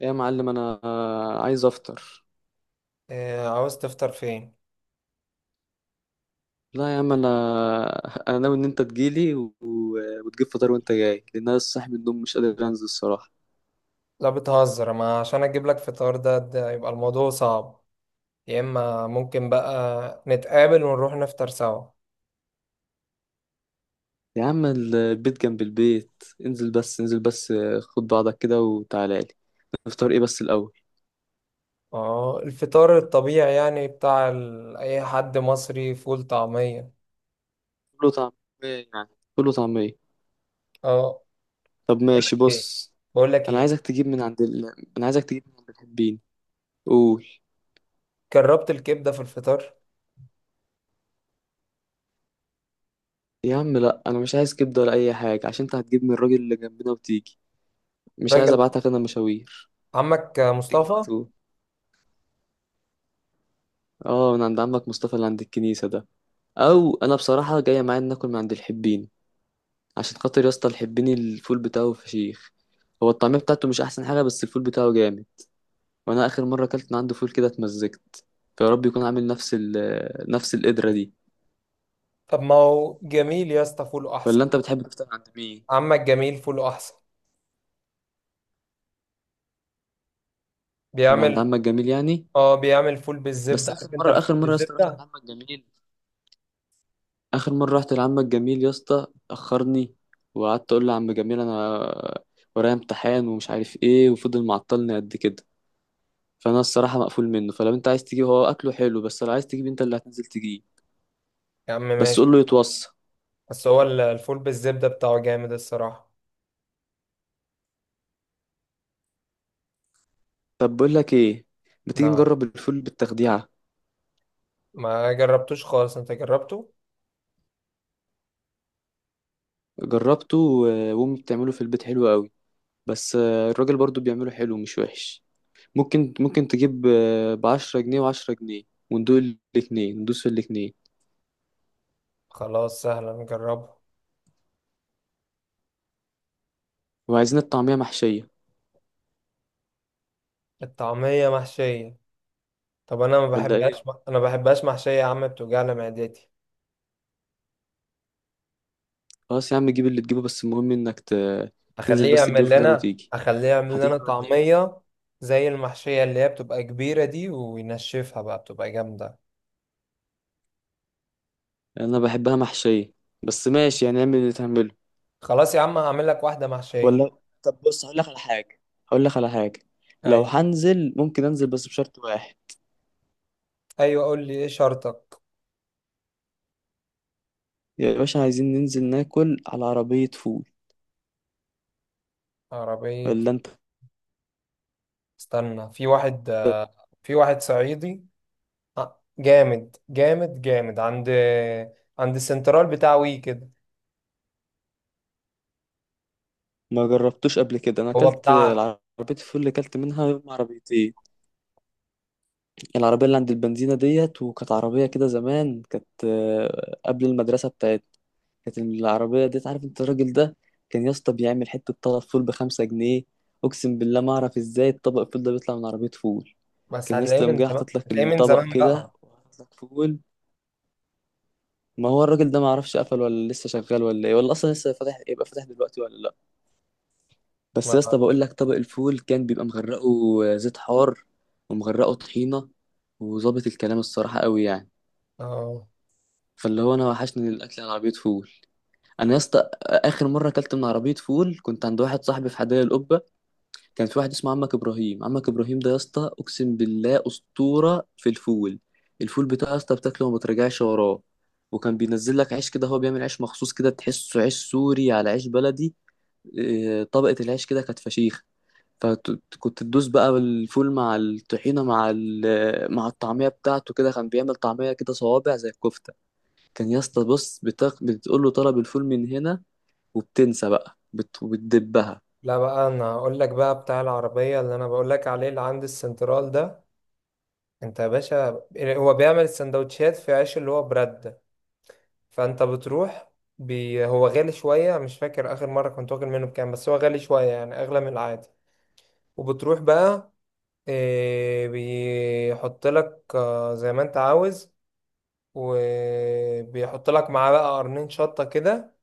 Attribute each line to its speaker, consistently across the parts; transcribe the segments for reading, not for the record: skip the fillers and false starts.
Speaker 1: إيه يا معلم، انا عايز افطر.
Speaker 2: إيه عاوز تفطر فين؟
Speaker 1: لا يا عم انا انا ناوي ان انت تجيلي وتجيب فطار وانت جاي، لان انا لسه صاحي من النوم، مش قادر انزل الصراحه.
Speaker 2: لا بتهزر، ما عشان اجيب لك فطار ده يبقى الموضوع صعب. يا اما ممكن بقى نتقابل ونروح نفطر سوا.
Speaker 1: يا عم البيت جنب البيت، انزل بس. خد بعضك كده وتعالى لي. نفطر ايه بس الاول؟
Speaker 2: اه، الفطار الطبيعي يعني بتاع ال... اي حد مصري فول طعمية.
Speaker 1: فول وطعميه، يعني فول وطعميه
Speaker 2: اه.
Speaker 1: طب
Speaker 2: بقول
Speaker 1: ماشي
Speaker 2: لك ايه
Speaker 1: بص.
Speaker 2: بقول لك
Speaker 1: انا
Speaker 2: ايه
Speaker 1: عايزك تجيب من عند ال... انا عايزك تجيب من عند الحبين. قول.
Speaker 2: جربت الكبدة في الفطار؟
Speaker 1: يا عم لا، انا مش عايز كبده ولا اي حاجه، عشان انت هتجيب من الراجل اللي جنبنا وتيجي. مش عايز
Speaker 2: راجل،
Speaker 1: ابعتك انا مشاوير.
Speaker 2: عمك
Speaker 1: تيجي على
Speaker 2: مصطفى.
Speaker 1: طول. اه، من عند عمك مصطفى اللي عند الكنيسة ده. او انا بصراحة جاية معايا إن ناكل من عند الحبين. عشان خاطر يا اسطى الحبين الفول بتاعه فشيخ. هو الطعمية بتاعته مش احسن حاجة، بس الفول بتاعه جامد. وانا اخر مرة اكلت من عنده فول كده اتمزجت. فيا رب يكون عامل نفس القدرة دي.
Speaker 2: طب ما هو جميل يا اسطى فوله احسن.
Speaker 1: ولا انت بتحب تفطر عند مين؟
Speaker 2: عمك جميل فوله احسن،
Speaker 1: من عند
Speaker 2: بيعمل.
Speaker 1: عمك جميل يعني.
Speaker 2: اه بيعمل فول
Speaker 1: بس
Speaker 2: بالزبدة،
Speaker 1: اخر
Speaker 2: عارف انت
Speaker 1: مرة
Speaker 2: الفول
Speaker 1: اخر مرة يا اسطى رحت
Speaker 2: بالزبدة.
Speaker 1: لعمك جميل، اخر مرة رحت لعمك جميل يا اسطى اخرني. وقعدت اقول لعم جميل انا ورايا امتحان ومش عارف ايه، وفضل معطلني قد كده. فانا الصراحه مقفول منه، فلو انت عايز تجيب هو اكله حلو، بس لو عايز تجيب انت اللي هتنزل تجيب.
Speaker 2: يا عم
Speaker 1: بس
Speaker 2: ماشي.
Speaker 1: قول له يتوصى.
Speaker 2: بس هو الفول بالزبدة بتاعه جامد الصراحة.
Speaker 1: طب بقول لك ايه، ما تيجي
Speaker 2: نعم؟
Speaker 1: نجرب الفول بالتخديعه.
Speaker 2: ما جربتوش خالص، انت جربته؟
Speaker 1: وامي بتعمله في البيت حلو قوي. بس الراجل برضو بيعمله حلو، مش وحش. ممكن تجيب ب 10 جنيه و10 جنيه وندوق الاتنين، ندوس في الاتنين.
Speaker 2: خلاص، سهلا نجربه.
Speaker 1: وعايزين الطعميه محشيه
Speaker 2: الطعمية محشية؟ طب انا ما
Speaker 1: ولا
Speaker 2: بحبهاش.
Speaker 1: ايه؟
Speaker 2: انا ما بحبهاش محشية يا عم، بتوجعلي معدتي.
Speaker 1: خلاص يا عم جيب اللي تجيبه، بس المهم انك تنزل
Speaker 2: اخليه
Speaker 1: بس تجيب
Speaker 2: يعمل
Speaker 1: الفطار
Speaker 2: لنا
Speaker 1: وتيجي.
Speaker 2: اخليه يعمل لنا
Speaker 1: هتيجي ولا ايه؟
Speaker 2: طعمية، زي المحشية اللي هي بتبقى كبيرة دي وينشفها بقى بتبقى جامدة.
Speaker 1: انا بحبها محشيه، بس ماشي يعني، اعمل اللي تعمله.
Speaker 2: خلاص يا عم، هعمل لك واحدة محشية.
Speaker 1: ولا طب بص، هقول لك على حاجة. لو
Speaker 2: ايوه.
Speaker 1: هنزل ممكن انزل بس بشرط واحد.
Speaker 2: ايوه، قول لي ايه شرطك.
Speaker 1: يا باشا عايزين ننزل ناكل على عربية فول.
Speaker 2: عربية؟
Speaker 1: ولا انت
Speaker 2: استنى، في واحد. في واحد صعيدي، جامد جامد جامد، عند السنترال بتاع وي كده.
Speaker 1: ما جربتوش قبل كده؟ انا
Speaker 2: هو
Speaker 1: اكلت
Speaker 2: بتاع.
Speaker 1: العربية الفول اللي اكلت منها يوم عربيتين، العربية اللي عند البنزينة ديت. وكانت عربية كده زمان، كانت قبل المدرسة بتاعتنا. كانت العربية ديت، عارف انت الراجل ده، كان يا اسطى بيعمل حتة طلب فول بخمسة جنيه. اقسم بالله ما اعرف ازاي الطبق الفول ده بيطلع من عربية فول.
Speaker 2: بس
Speaker 1: كان يا
Speaker 2: هتلاقيه
Speaker 1: اسطى يوم
Speaker 2: من
Speaker 1: جاي
Speaker 2: زمان،
Speaker 1: حاطط لك
Speaker 2: هتلاقيه من
Speaker 1: الطبق
Speaker 2: زمان
Speaker 1: كده
Speaker 2: بقى.
Speaker 1: وحاطط لك فول. ما هو الراجل ده ما اعرفش قفل ولا لسه شغال ولا ايه، ولا اصلا لسه فاتح، يبقى فاتح دلوقتي ولا لا. بس يا
Speaker 2: ما...
Speaker 1: اسطى بقول لك، طبق الفول كان بيبقى مغرقه زيت حار ومغرقه طحينه، وظابط الكلام الصراحه قوي يعني.
Speaker 2: آه.
Speaker 1: فاللي هو انا وحشني الاكل على عربيه فول. انا يا اسطى اخر مره اكلت من عربيه فول كنت عند واحد صاحبي في حدائق القبه. كان في واحد اسمه عمك ابراهيم، عمك ابراهيم ده يا اسطى اقسم بالله اسطوره في الفول. الفول بتاعه يا اسطى بتاكله وما ترجعش وراه. وكان بينزل لك عيش كده، هو بيعمل عيش مخصوص كده، تحسه عيش سوري على عيش بلدي. طبقه العيش كده كانت فشيخ. فكنت تدوس بقى الفول مع الطحينه مع الطعميه بتاعته كده. كان بيعمل طعميه كده صوابع زي الكفته. كان يا اسطى بص، بتقول له طلب الفول من هنا، وبتنسى بقى، بتدبها.
Speaker 2: لا بقى انا هقول لك بقى بتاع العربية اللي انا بقول لك عليه، اللي عند السنترال ده. انت يا باشا، هو بيعمل السندوتشات في عيش اللي هو برد ده. فانت بتروح. هو غالي شوية، مش فاكر اخر مرة كنت واكل منه بكام، بس هو غالي شوية يعني، اغلى من العادي. وبتروح بقى، بيحط لك زي ما انت عاوز، وبيحط لك معاه بقى قرنين شطة كده.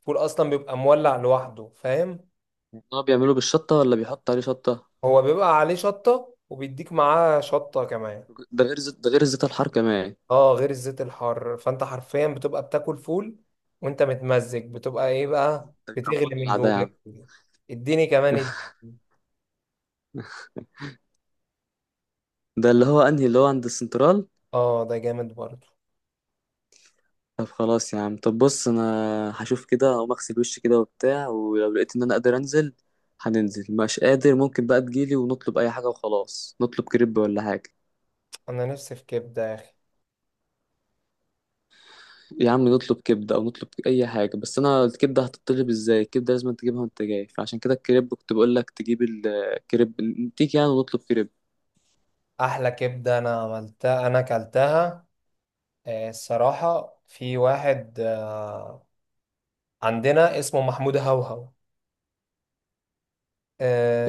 Speaker 2: فول أصلا بيبقى مولع لوحده، فاهم؟
Speaker 1: هو بيعمله بالشطه ولا بيحط عليه شطه؟
Speaker 2: هو بيبقى عليه شطة وبيديك معاه شطة كمان.
Speaker 1: ده غير زيت، ده غير زيت الحار كمان.
Speaker 2: اه غير الزيت الحار. فانت حرفيا بتبقى بتاكل فول وانت متمزج، بتبقى ايه بقى،
Speaker 1: ده بيبقى
Speaker 2: بتغلي من
Speaker 1: مولع ده يا
Speaker 2: جواك.
Speaker 1: عم.
Speaker 2: اديني كمان
Speaker 1: ده اللي هو انهي، اللي هو عند السنترال؟
Speaker 2: اه ده جامد برضو.
Speaker 1: طب خلاص يا عم، طب بص انا هشوف كده، اقوم اغسل وشي كده وبتاع، ولو لقيت ان انا قادر انزل هننزل. مش قادر، ممكن بقى تجيلي ونطلب اي حاجه وخلاص، نطلب كريب ولا حاجه.
Speaker 2: انا نفسي في كبدة يا اخي.
Speaker 1: يا عم نطلب كبده او نطلب اي حاجه، بس انا الكبده هتطلب ازاي؟ الكبده لازم تجيبها وانت جاي، فعشان كده الكريب كنت بقول لك تجيب الكريب، نتيجي يعني ونطلب كريب.
Speaker 2: احلى كبدة انا عملتها انا اكلتها. الصراحة في واحد عندنا اسمه محمود هوهو.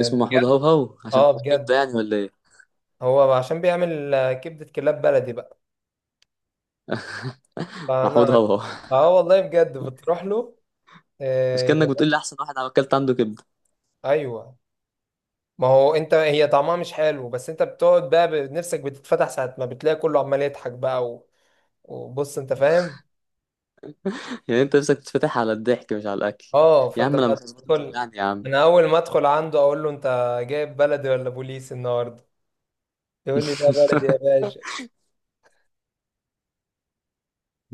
Speaker 1: اسمه محمود هوهو عشان
Speaker 2: اه
Speaker 1: بتاع كبده
Speaker 2: بجد.
Speaker 1: يعني ولا ايه؟
Speaker 2: هو عشان بيعمل كبدة كلاب بلدي بقى.
Speaker 1: محمود
Speaker 2: فانا،
Speaker 1: هوهو.
Speaker 2: اه والله بجد بتروح له.
Speaker 1: مش كأنك
Speaker 2: آه...
Speaker 1: بتقول لي احسن واحد عمل اكلت عنده كبده؟
Speaker 2: ايوه. ما هو انت، هي طعمها مش حلو، بس انت بتقعد بقى نفسك بتتفتح ساعة ما بتلاقي كله عمال يضحك بقى و... وبص انت فاهم.
Speaker 1: يعني انت نفسك تتفتح على الضحك مش على الاكل.
Speaker 2: اه،
Speaker 1: يا
Speaker 2: فانت
Speaker 1: عم انا
Speaker 2: بقى
Speaker 1: مش هظبط، انت
Speaker 2: بتدخل.
Speaker 1: توجعني يا عم.
Speaker 2: انا اول ما ادخل عنده اقول له: انت جايب بلدي ولا بوليس النهارده؟ يقول لي: لا بلدي يا باشا.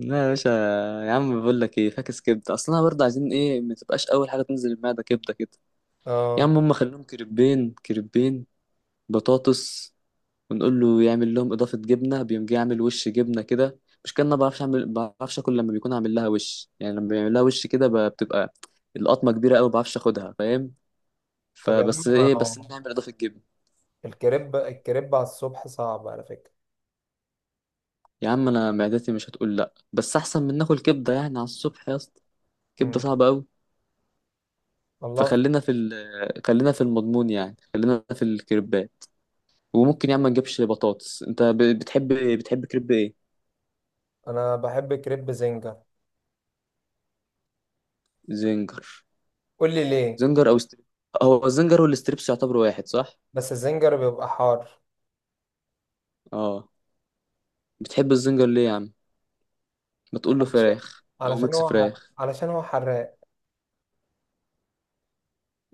Speaker 1: لا يا باشا. يا عم بقول لك ايه، فاكس كبده، اصل انا برضه عايزين ايه، ما تبقاش اول حاجه تنزل المعده كبده كده. يا
Speaker 2: اه.
Speaker 1: عم هم خليهم كريبين، بطاطس. ونقول له يعمل لهم اضافه جبنه، بيقوم جاي يعمل وش جبنه كده. مش كان انا بعرفش اعمل، بعرفش اكل لما بيكون عامل لها وش يعني، لما بيعمل لها وش كده بتبقى القطمه كبيره قوي، ما بعرفش اخدها، فاهم؟
Speaker 2: طب يا عم،
Speaker 1: فبس
Speaker 2: ما
Speaker 1: ايه، بس
Speaker 2: هو
Speaker 1: نعمل اضافه جبنه.
Speaker 2: الكريب على الصبح صعب على فكرة.
Speaker 1: يا عم انا معدتي مش هتقول لا، بس احسن من ناكل كبده يعني على الصبح يا اسطى. كبده
Speaker 2: مم.
Speaker 1: صعبه قوي.
Speaker 2: والله.
Speaker 1: فخلينا في ال... آه، خلينا في المضمون يعني، خلينا في الكريبات. وممكن يا عم ما نجيبش بطاطس. انت بتحب، بتحب كريب ايه؟
Speaker 2: انا بحب كريب زنجر.
Speaker 1: زنجر.
Speaker 2: قول لي ليه؟
Speaker 1: زنجر او ستريب. هو الزنجر والستريبس يعتبروا واحد صح؟
Speaker 2: بس الزنجر بيبقى حار.
Speaker 1: اه. بتحب الزنجر ليه يا عم؟ ما تقول له
Speaker 2: علشان
Speaker 1: فراخ او
Speaker 2: علشان
Speaker 1: ميكس
Speaker 2: هو ح-
Speaker 1: فراخ.
Speaker 2: علشان هو حراق.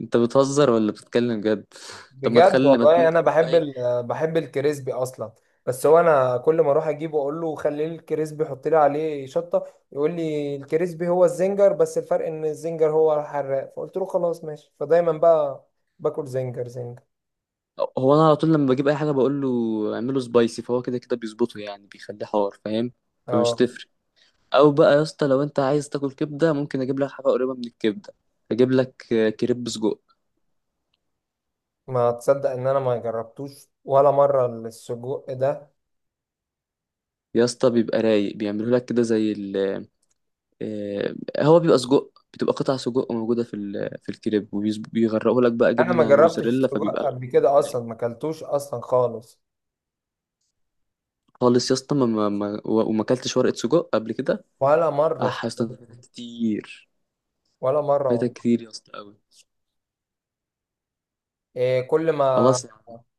Speaker 1: انت بتهزر ولا بتتكلم جد؟ طب ما
Speaker 2: بجد
Speaker 1: تخلي، ما انت
Speaker 2: والله، انا
Speaker 1: ممكن تجيب
Speaker 2: بحب
Speaker 1: اي.
Speaker 2: ال... بحب الكريسبي اصلا. بس هو انا كل ما اروح اجيبه اقول له: خلي لي الكريسبي، حط لي عليه شطه. يقول لي: الكريسبي هو الزنجر، بس الفرق ان الزنجر هو الحراق. فقلت له خلاص ماشي، فدايما بقى باكل زنجر. زنجر.
Speaker 1: هو انا على طول لما بجيب اي حاجه بقول له اعمله سبايسي، فهو كده كده بيظبطه يعني، بيخليه حار، فاهم؟ فمش
Speaker 2: اه.
Speaker 1: تفرق. او بقى يا اسطى لو انت عايز تاكل كبده ممكن اجيب لك حاجه قريبه من الكبده، اجيب لك كريب سجق.
Speaker 2: ما تصدق ان انا ما جربتوش ولا مره السجق ده.
Speaker 1: يا اسطى بيبقى رايق، بيعمله لك كده زي ال آه، هو بيبقى سجق، بتبقى قطع سجق موجوده في الكريب، وبيغرقوا لك بقى
Speaker 2: انا ما
Speaker 1: جبنه
Speaker 2: جربتش
Speaker 1: موزاريلا،
Speaker 2: السجق
Speaker 1: فبيبقى
Speaker 2: قبل
Speaker 1: الحوار
Speaker 2: كده
Speaker 1: رايق.
Speaker 2: اصلا، ما اكلتوش اصلا خالص.
Speaker 1: خالص يا اسطى، وما اكلتش ورقه سجق قبل كده.
Speaker 2: ولا
Speaker 1: اه
Speaker 2: مره في
Speaker 1: يا اسطى أنت
Speaker 2: حياتي.
Speaker 1: فايتك كتير،
Speaker 2: ولا مره
Speaker 1: فايتك
Speaker 2: والله.
Speaker 1: كتير يا اسطى قوي.
Speaker 2: إيه كل ما
Speaker 1: خلاص.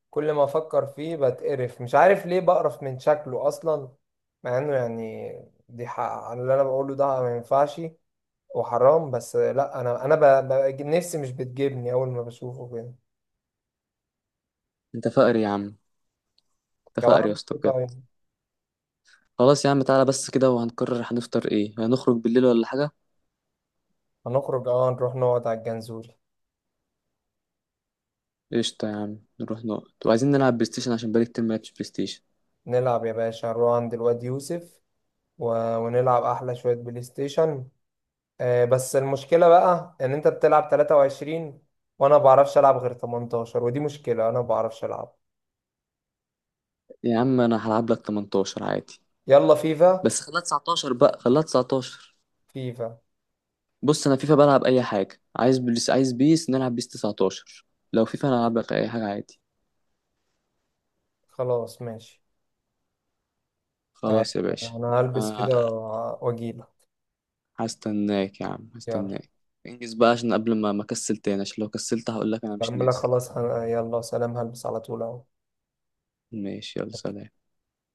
Speaker 2: كل ما افكر فيه بتقرف، مش عارف ليه بقرف من شكله اصلا، مع انه يعني، دي حق على اللي انا بقوله ده، ما ينفعش وحرام. بس لا، انا ب... نفسي مش بتجيبني اول ما بشوفه كده.
Speaker 1: انت فقر يا عم، انت
Speaker 2: طب
Speaker 1: فقر يا
Speaker 2: أعمل
Speaker 1: اسطى
Speaker 2: إيه
Speaker 1: بجد.
Speaker 2: طيب؟
Speaker 1: خلاص يا عم تعالى بس كده، وهنقرر هنفطر ايه، هنخرج بالليل ولا حاجة.
Speaker 2: هنخرج، اه، نروح نقعد على الجنزول،
Speaker 1: قشطة يا عم، نروح نقعد، وعايزين نلعب بلاي ستيشن عشان بقالي كتير ما لعبتش بلاي ستيشن.
Speaker 2: نلعب يا باشا، نروح عند الواد يوسف و... ونلعب احلى شويه بلاي ستيشن. بس المشكلة بقى ان انت بتلعب 23 وانا ما بعرفش العب غير 18، ودي مشكلة انا ما بعرفش العب.
Speaker 1: يا عم انا هلعب لك 18 عادي.
Speaker 2: يلا فيفا.
Speaker 1: بس خليها 19 بقى، خليها 19.
Speaker 2: فيفا.
Speaker 1: بص انا فيفا بلعب اي حاجة، عايز بيس عايز بيس نلعب بيس 19. لو فيفا انا هلعب لك اي حاجة عادي.
Speaker 2: خلاص ماشي. آه،
Speaker 1: خلاص يا باشا
Speaker 2: انا هلبس
Speaker 1: انا.
Speaker 2: كده واجيلك.
Speaker 1: هستناك يا عم،
Speaker 2: يلا.
Speaker 1: هستناك. انجز بقى عشان قبل ما اكسل تاني، عشان لو كسلت هقول لك انا مش
Speaker 2: بعملها
Speaker 1: نازل.
Speaker 2: خلاص يلا سلام، هلبس على طول اهو.
Speaker 1: ماشي، يلا سلام.